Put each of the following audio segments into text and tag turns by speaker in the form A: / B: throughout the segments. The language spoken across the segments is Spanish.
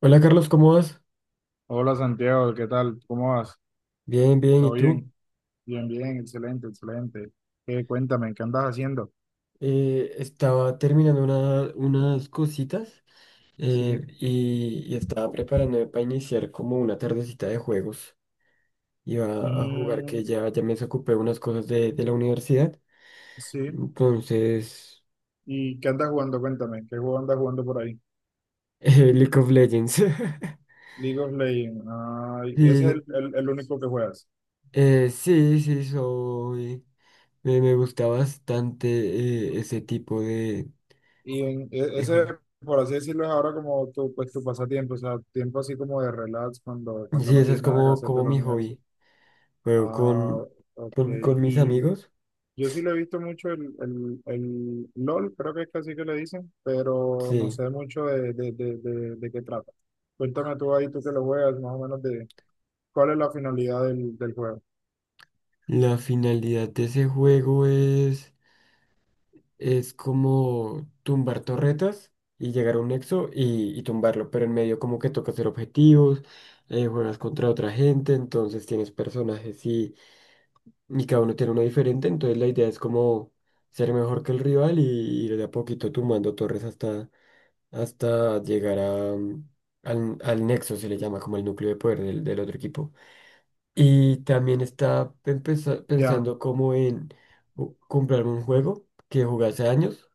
A: Hola Carlos, ¿cómo vas?
B: Hola Santiago, ¿qué tal? ¿Cómo vas?
A: Bien, bien, ¿y
B: ¿Todo
A: tú?
B: bien? Bien, bien, excelente, excelente. Cuéntame, ¿qué andas haciendo?
A: Estaba terminando unas cositas
B: Sí.
A: y estaba preparándome para iniciar como una tardecita de juegos. Iba a jugar que
B: Mm,
A: ya me desocupé unas cosas de la universidad.
B: sí.
A: Entonces,
B: ¿Y qué andas jugando? Cuéntame, ¿qué juego andas jugando por ahí?
A: League of Legends.
B: League of Legends. Ay, ese es el,
A: Sí,
B: el- el único que juegas.
A: sí, soy. Me gusta bastante ese tipo
B: Y
A: de
B: ese,
A: juego.
B: por así decirlo, es ahora como tu, pues, tu pasatiempo, o sea, tiempo así como de relax cuando
A: Sí,
B: no
A: ese es
B: tienes nada que
A: como,
B: hacer de
A: como
B: la
A: mi
B: universidad.
A: hobby. Juego
B: Ah,
A: con,
B: ok.
A: con mis
B: ¿Y
A: amigos.
B: Yo sí lo he visto mucho el LOL, creo que es que así que le dicen, pero no
A: Sí.
B: sé mucho de qué trata. Cuéntame tú ahí, tú que lo juegas, más o menos de cuál es la finalidad del juego.
A: La finalidad de ese juego es como tumbar torretas y llegar a un nexo y tumbarlo, pero en medio como que toca hacer objetivos, juegas contra otra gente, entonces tienes personajes y cada uno tiene uno diferente. Entonces la idea es como ser mejor que el rival y ir de a poquito tumbando torres hasta llegar a, al nexo. Se le llama como el núcleo de poder del otro equipo. Y también está
B: Ya,
A: pensando como en comprarme un juego que jugué hace años,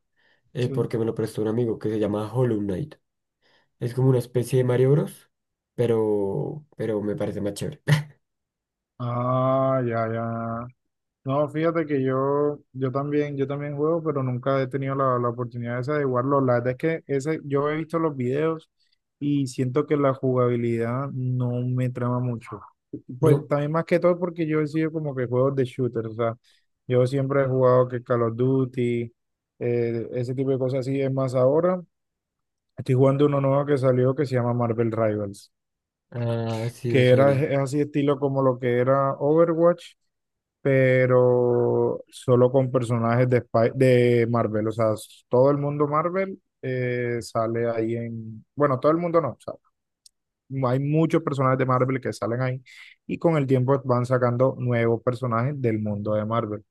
B: sí.
A: porque me lo prestó un amigo. Que se llama Hollow Knight. Es como una especie de Mario Bros, pero me parece más chévere.
B: Ah, ya, ya. No, fíjate que yo también juego, pero nunca he tenido la oportunidad esa de jugarlo. La verdad es que ese, yo he visto los videos y siento que la jugabilidad no me trama mucho. Pues
A: ¿No?
B: también más que todo porque yo he sido como que juegos de shooter, o sea, yo siempre he jugado que Call of Duty, ese tipo de cosas así. Es más, ahora estoy jugando uno nuevo que salió que se llama Marvel Rivals,
A: Ah, sí me
B: que era
A: suena.
B: es así estilo como lo que era Overwatch pero solo con personajes de, de Marvel. O sea, todo el mundo Marvel sale ahí en... Bueno, todo el mundo no. O sea, hay muchos personajes de Marvel que salen ahí y con el tiempo van sacando nuevos personajes del mundo de Marvel.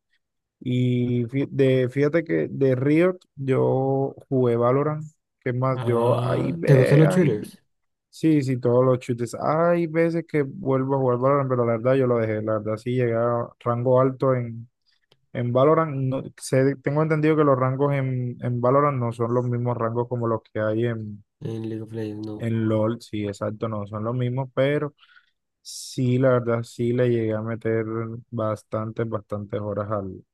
B: Y fíjate que de Riot yo jugué Valorant. ¿Qué más? Yo, ahí
A: Ah, ¿te gustan
B: ve,
A: los
B: ahí ve.
A: shooters?
B: Sí, sí, todos los chutes. Hay veces que vuelvo a jugar Valorant, pero la verdad yo lo dejé. La verdad sí llegué a rango alto en Valorant, tengo entendido que los rangos en Valorant no son los mismos rangos como los que hay
A: En League of Legends, no.
B: en LOL, sí, exacto, no son los mismos, pero sí, la verdad, sí le llegué a meter bastantes, bastantes horas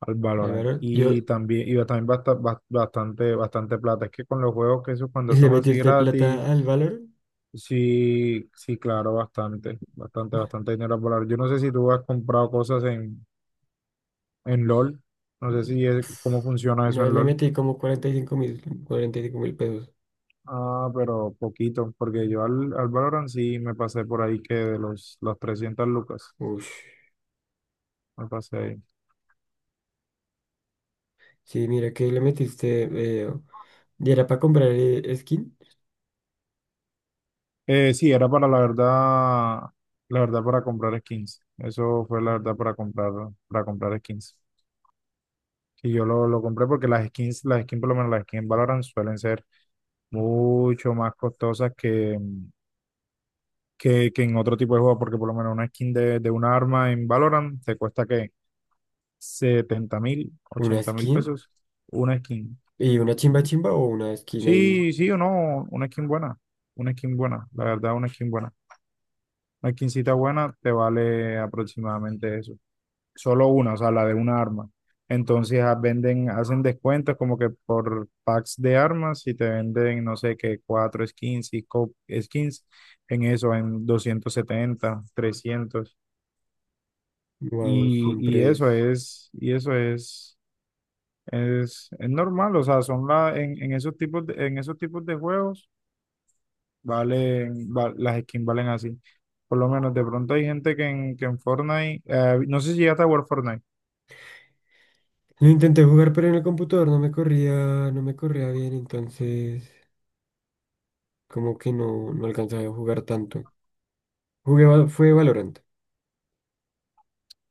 B: al
A: ¿Al
B: Valorant.
A: Valorant? Yo
B: Y también bastante, bastante plata. Es que con los juegos que esos cuando
A: le
B: son así
A: metiste plata
B: gratis,
A: al Valorant.
B: sí, sí, claro, bastante, bastante, bastante dinero a volar. Yo no sé si tú has comprado cosas en LOL, no sé si es,
A: Uf,
B: cómo funciona eso
A: una vez
B: en
A: le
B: LOL.
A: metí como 45.000, 45.000 pesos.
B: Ah, pero poquito, porque yo al Valorant sí me pasé por ahí que de los, las 300 lucas
A: Ush.
B: me pasé ahí.
A: Sí, mira que le metiste. Y era para comprar skin,
B: Sí, era para la verdad para comprar skins. Eso fue la verdad para comprar skins. Y yo lo compré porque por lo menos las skins en Valorant suelen ser mucho más costosas que en otro tipo de juego, porque por lo menos una skin de una arma en Valorant te cuesta que 70.000,
A: una
B: 80.000
A: skin
B: pesos una skin.
A: y una chimba chimba o una skin ahí.
B: Sí, sí o no, una skin buena, la verdad, una skin buena. Una skincita buena te vale aproximadamente eso. Solo una, o sea, la de una arma. Entonces ah, venden, hacen descuentos como que por packs de armas y te venden, no sé qué, cuatro skins, cinco skins en eso, en 270 300.
A: Wow,
B: Y,
A: siempre
B: y eso
A: es.
B: es, es normal, o sea, son la, en esos tipos de, en esos tipos de juegos. Valen, las skins valen así. Por lo menos de pronto hay gente que en Fortnite, no sé si llegaste a jugar Fortnite.
A: Lo intenté jugar, pero en el computador no me corría, no me corría bien, entonces como que no, no alcanzaba a jugar tanto. Jugué, fue Valorant.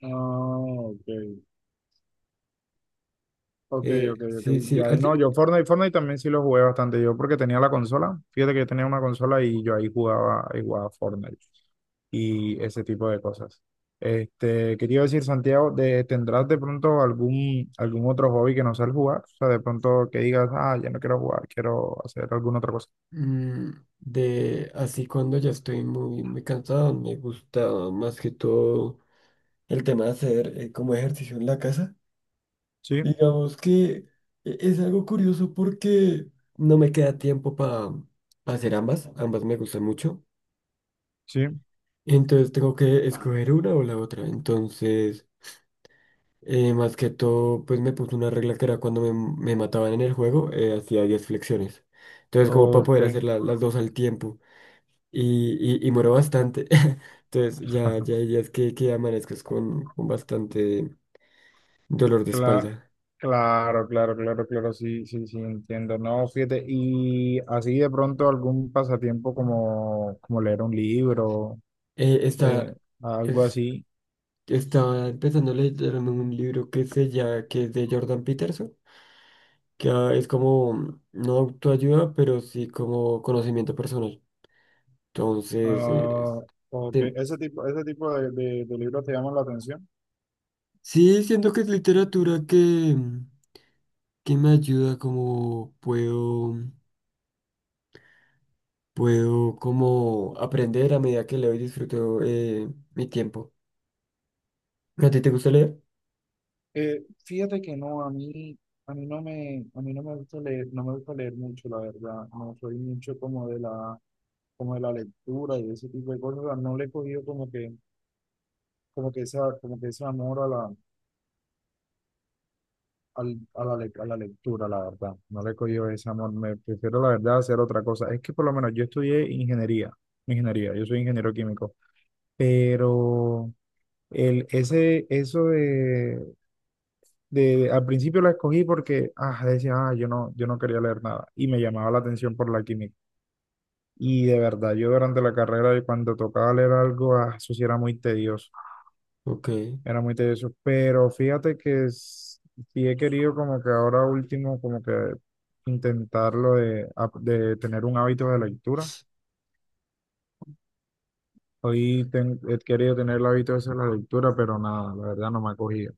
B: Ah, ok. Ok,
A: Eh,
B: ok, ok.
A: sí, sí,
B: Ya,
A: a ti-
B: no, yo Fortnite también sí lo jugué bastante. Yo porque tenía la consola. Fíjate que yo tenía una consola y yo ahí jugaba Fortnite y ese tipo de cosas. Este, quería decir, Santiago, de, ¿tendrás de pronto algún, algún otro hobby que no sea el jugar? O sea, de pronto que digas, ah, ya no quiero jugar, quiero hacer alguna otra cosa.
A: mm, de así cuando ya estoy muy cansado, me gusta más que todo el tema de hacer como ejercicio en la casa.
B: Sí,
A: Digamos que es algo curioso porque no me queda tiempo para hacer ambas. Ambas me gustan mucho.
B: sí,
A: Entonces tengo que escoger una o la otra. Entonces, más que todo, pues me puse una regla que era cuando me mataban en el juego, hacía 10 flexiones. Entonces, como para
B: ok.
A: poder hacer las dos al tiempo. Y muero bastante. Entonces, ya hay días que amanezcas con bastante dolor de
B: Cla-
A: espalda.
B: Claro, claro, claro, claro, sí, sí, sí, entiendo. No, fíjate, y así de pronto algún pasatiempo como, como leer un libro,
A: Eh, esta,
B: eh, algo así.
A: Estaba empezando a leerme un libro que se llama, que es de Jordan Peterson, que ah, es como no autoayuda, pero sí como conocimiento personal. Entonces,
B: Ah, o que
A: te-
B: ese tipo de libros te llaman la atención.
A: sí, siento que es literatura que me ayuda como puedo como aprender a medida que leo y disfruto mi tiempo. ¿A ti te gusta leer?
B: Fíjate que no, a mí, a mí no me gusta leer, no me gusta leer mucho, la verdad. No soy mucho como como de la lectura y ese tipo de cosas. O sea, no le he cogido como que esa, como que ese amor a la, a la lectura, la verdad. No le he cogido ese amor. Me prefiero, la verdad, hacer otra cosa. Es que por lo menos yo estudié ingeniería. Ingeniería, yo soy ingeniero químico. Pero eso al principio la escogí porque ah, decía, ah, yo no quería leer nada. Y me llamaba la atención por la química. Y de verdad, yo durante la carrera, cuando tocaba leer algo, ah, eso sí era muy tedioso.
A: Ok,
B: Era muy tedioso, pero fíjate que sí he querido como que ahora último como que intentarlo de tener un hábito de lectura. Hoy he querido tener el hábito ese de la lectura, pero nada, la verdad no me ha cogido.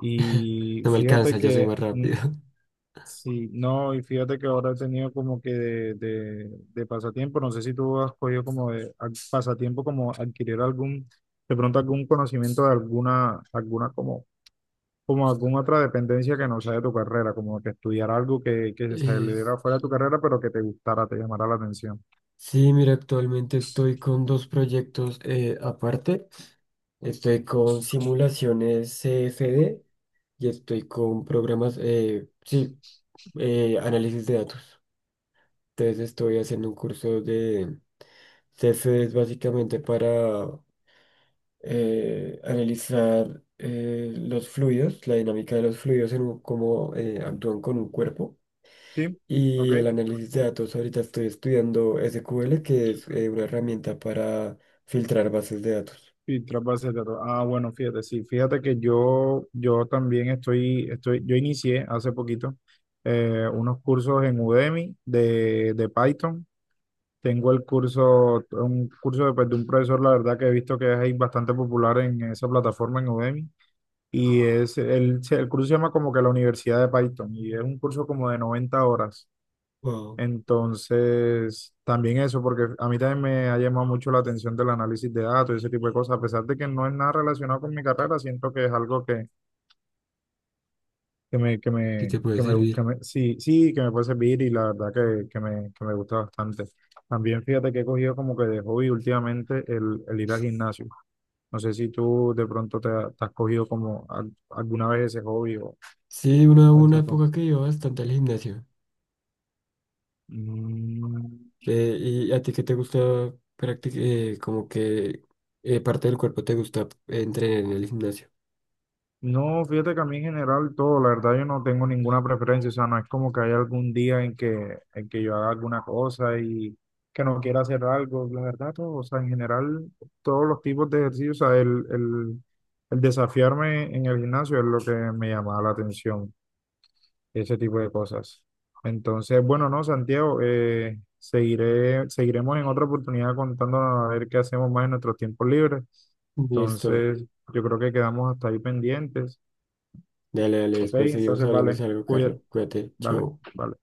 B: Y
A: no me alcanza,
B: fíjate
A: yo soy
B: que,
A: más rápido.
B: sí, no, y fíjate que ahora he tenido como que de pasatiempo, no sé si tú has cogido como pasatiempo como adquirir algún, de pronto algún conocimiento de alguna, como alguna otra dependencia que no sea de tu carrera, como que estudiar algo que se
A: Eh,
B: saliera fuera de tu carrera, pero que te gustara, te llamara la atención.
A: Sí, mira, actualmente estoy con dos proyectos aparte. Estoy con simulaciones CFD y estoy con programas, análisis de datos. Entonces estoy haciendo un curso de CFD. Es básicamente para analizar los fluidos, la dinámica de los fluidos, cómo actúan con un cuerpo.
B: ¿Sí? Ok.
A: Y el análisis de datos, ahorita estoy estudiando SQL, que es una herramienta para filtrar bases de datos.
B: Y tras bases de datos. Ah, bueno, fíjate, sí, fíjate que yo también yo inicié hace poquito unos cursos en Udemy de Python. Tengo el curso, un curso de, pues, de un profesor, la verdad que he visto que es ahí bastante popular en esa plataforma en Udemy. Y es el curso se llama como que la Universidad de Python y es un curso como de 90 horas.
A: Wow,
B: Entonces, también eso, porque a mí también me ha llamado mucho la atención del análisis de datos y ese tipo de cosas, a pesar de que no es nada relacionado con mi carrera, siento que es algo que me, que
A: ¿qué
B: me,
A: te puede
B: que me, que
A: servir?
B: me- sí, sí, que me puede servir y la verdad que me gusta bastante. También fíjate que he cogido como que de hobby últimamente el ir al gimnasio. No sé si tú de pronto te has cogido como alguna vez ese hobby
A: Sí,
B: o
A: una
B: esa.
A: época que iba bastante al gimnasio.
B: Mm,
A: ¿Y a ti qué te gusta practicar? Como que parte del cuerpo te gusta entrenar en el gimnasio.
B: no, fíjate que a mí en general todo, la verdad yo no tengo ninguna preferencia, o sea, no es como que haya algún día en que, yo haga alguna cosa y que no quiera hacer algo, la verdad todo, o sea, en general todos los tipos de ejercicios, o sea, el desafiarme en el gimnasio es lo que me llamaba la atención. Ese tipo de cosas. Entonces, bueno, no, Santiago, seguiremos en otra oportunidad contándonos a ver qué hacemos más en nuestros tiempos libres.
A: Listo.
B: Entonces, yo creo que quedamos hasta ahí pendientes.
A: Dale, dale,
B: Ok,
A: después seguimos
B: entonces,
A: hablando de
B: vale,
A: algo, Carlos.
B: cuida,
A: Cuídate,
B: dale,
A: chao.
B: vale.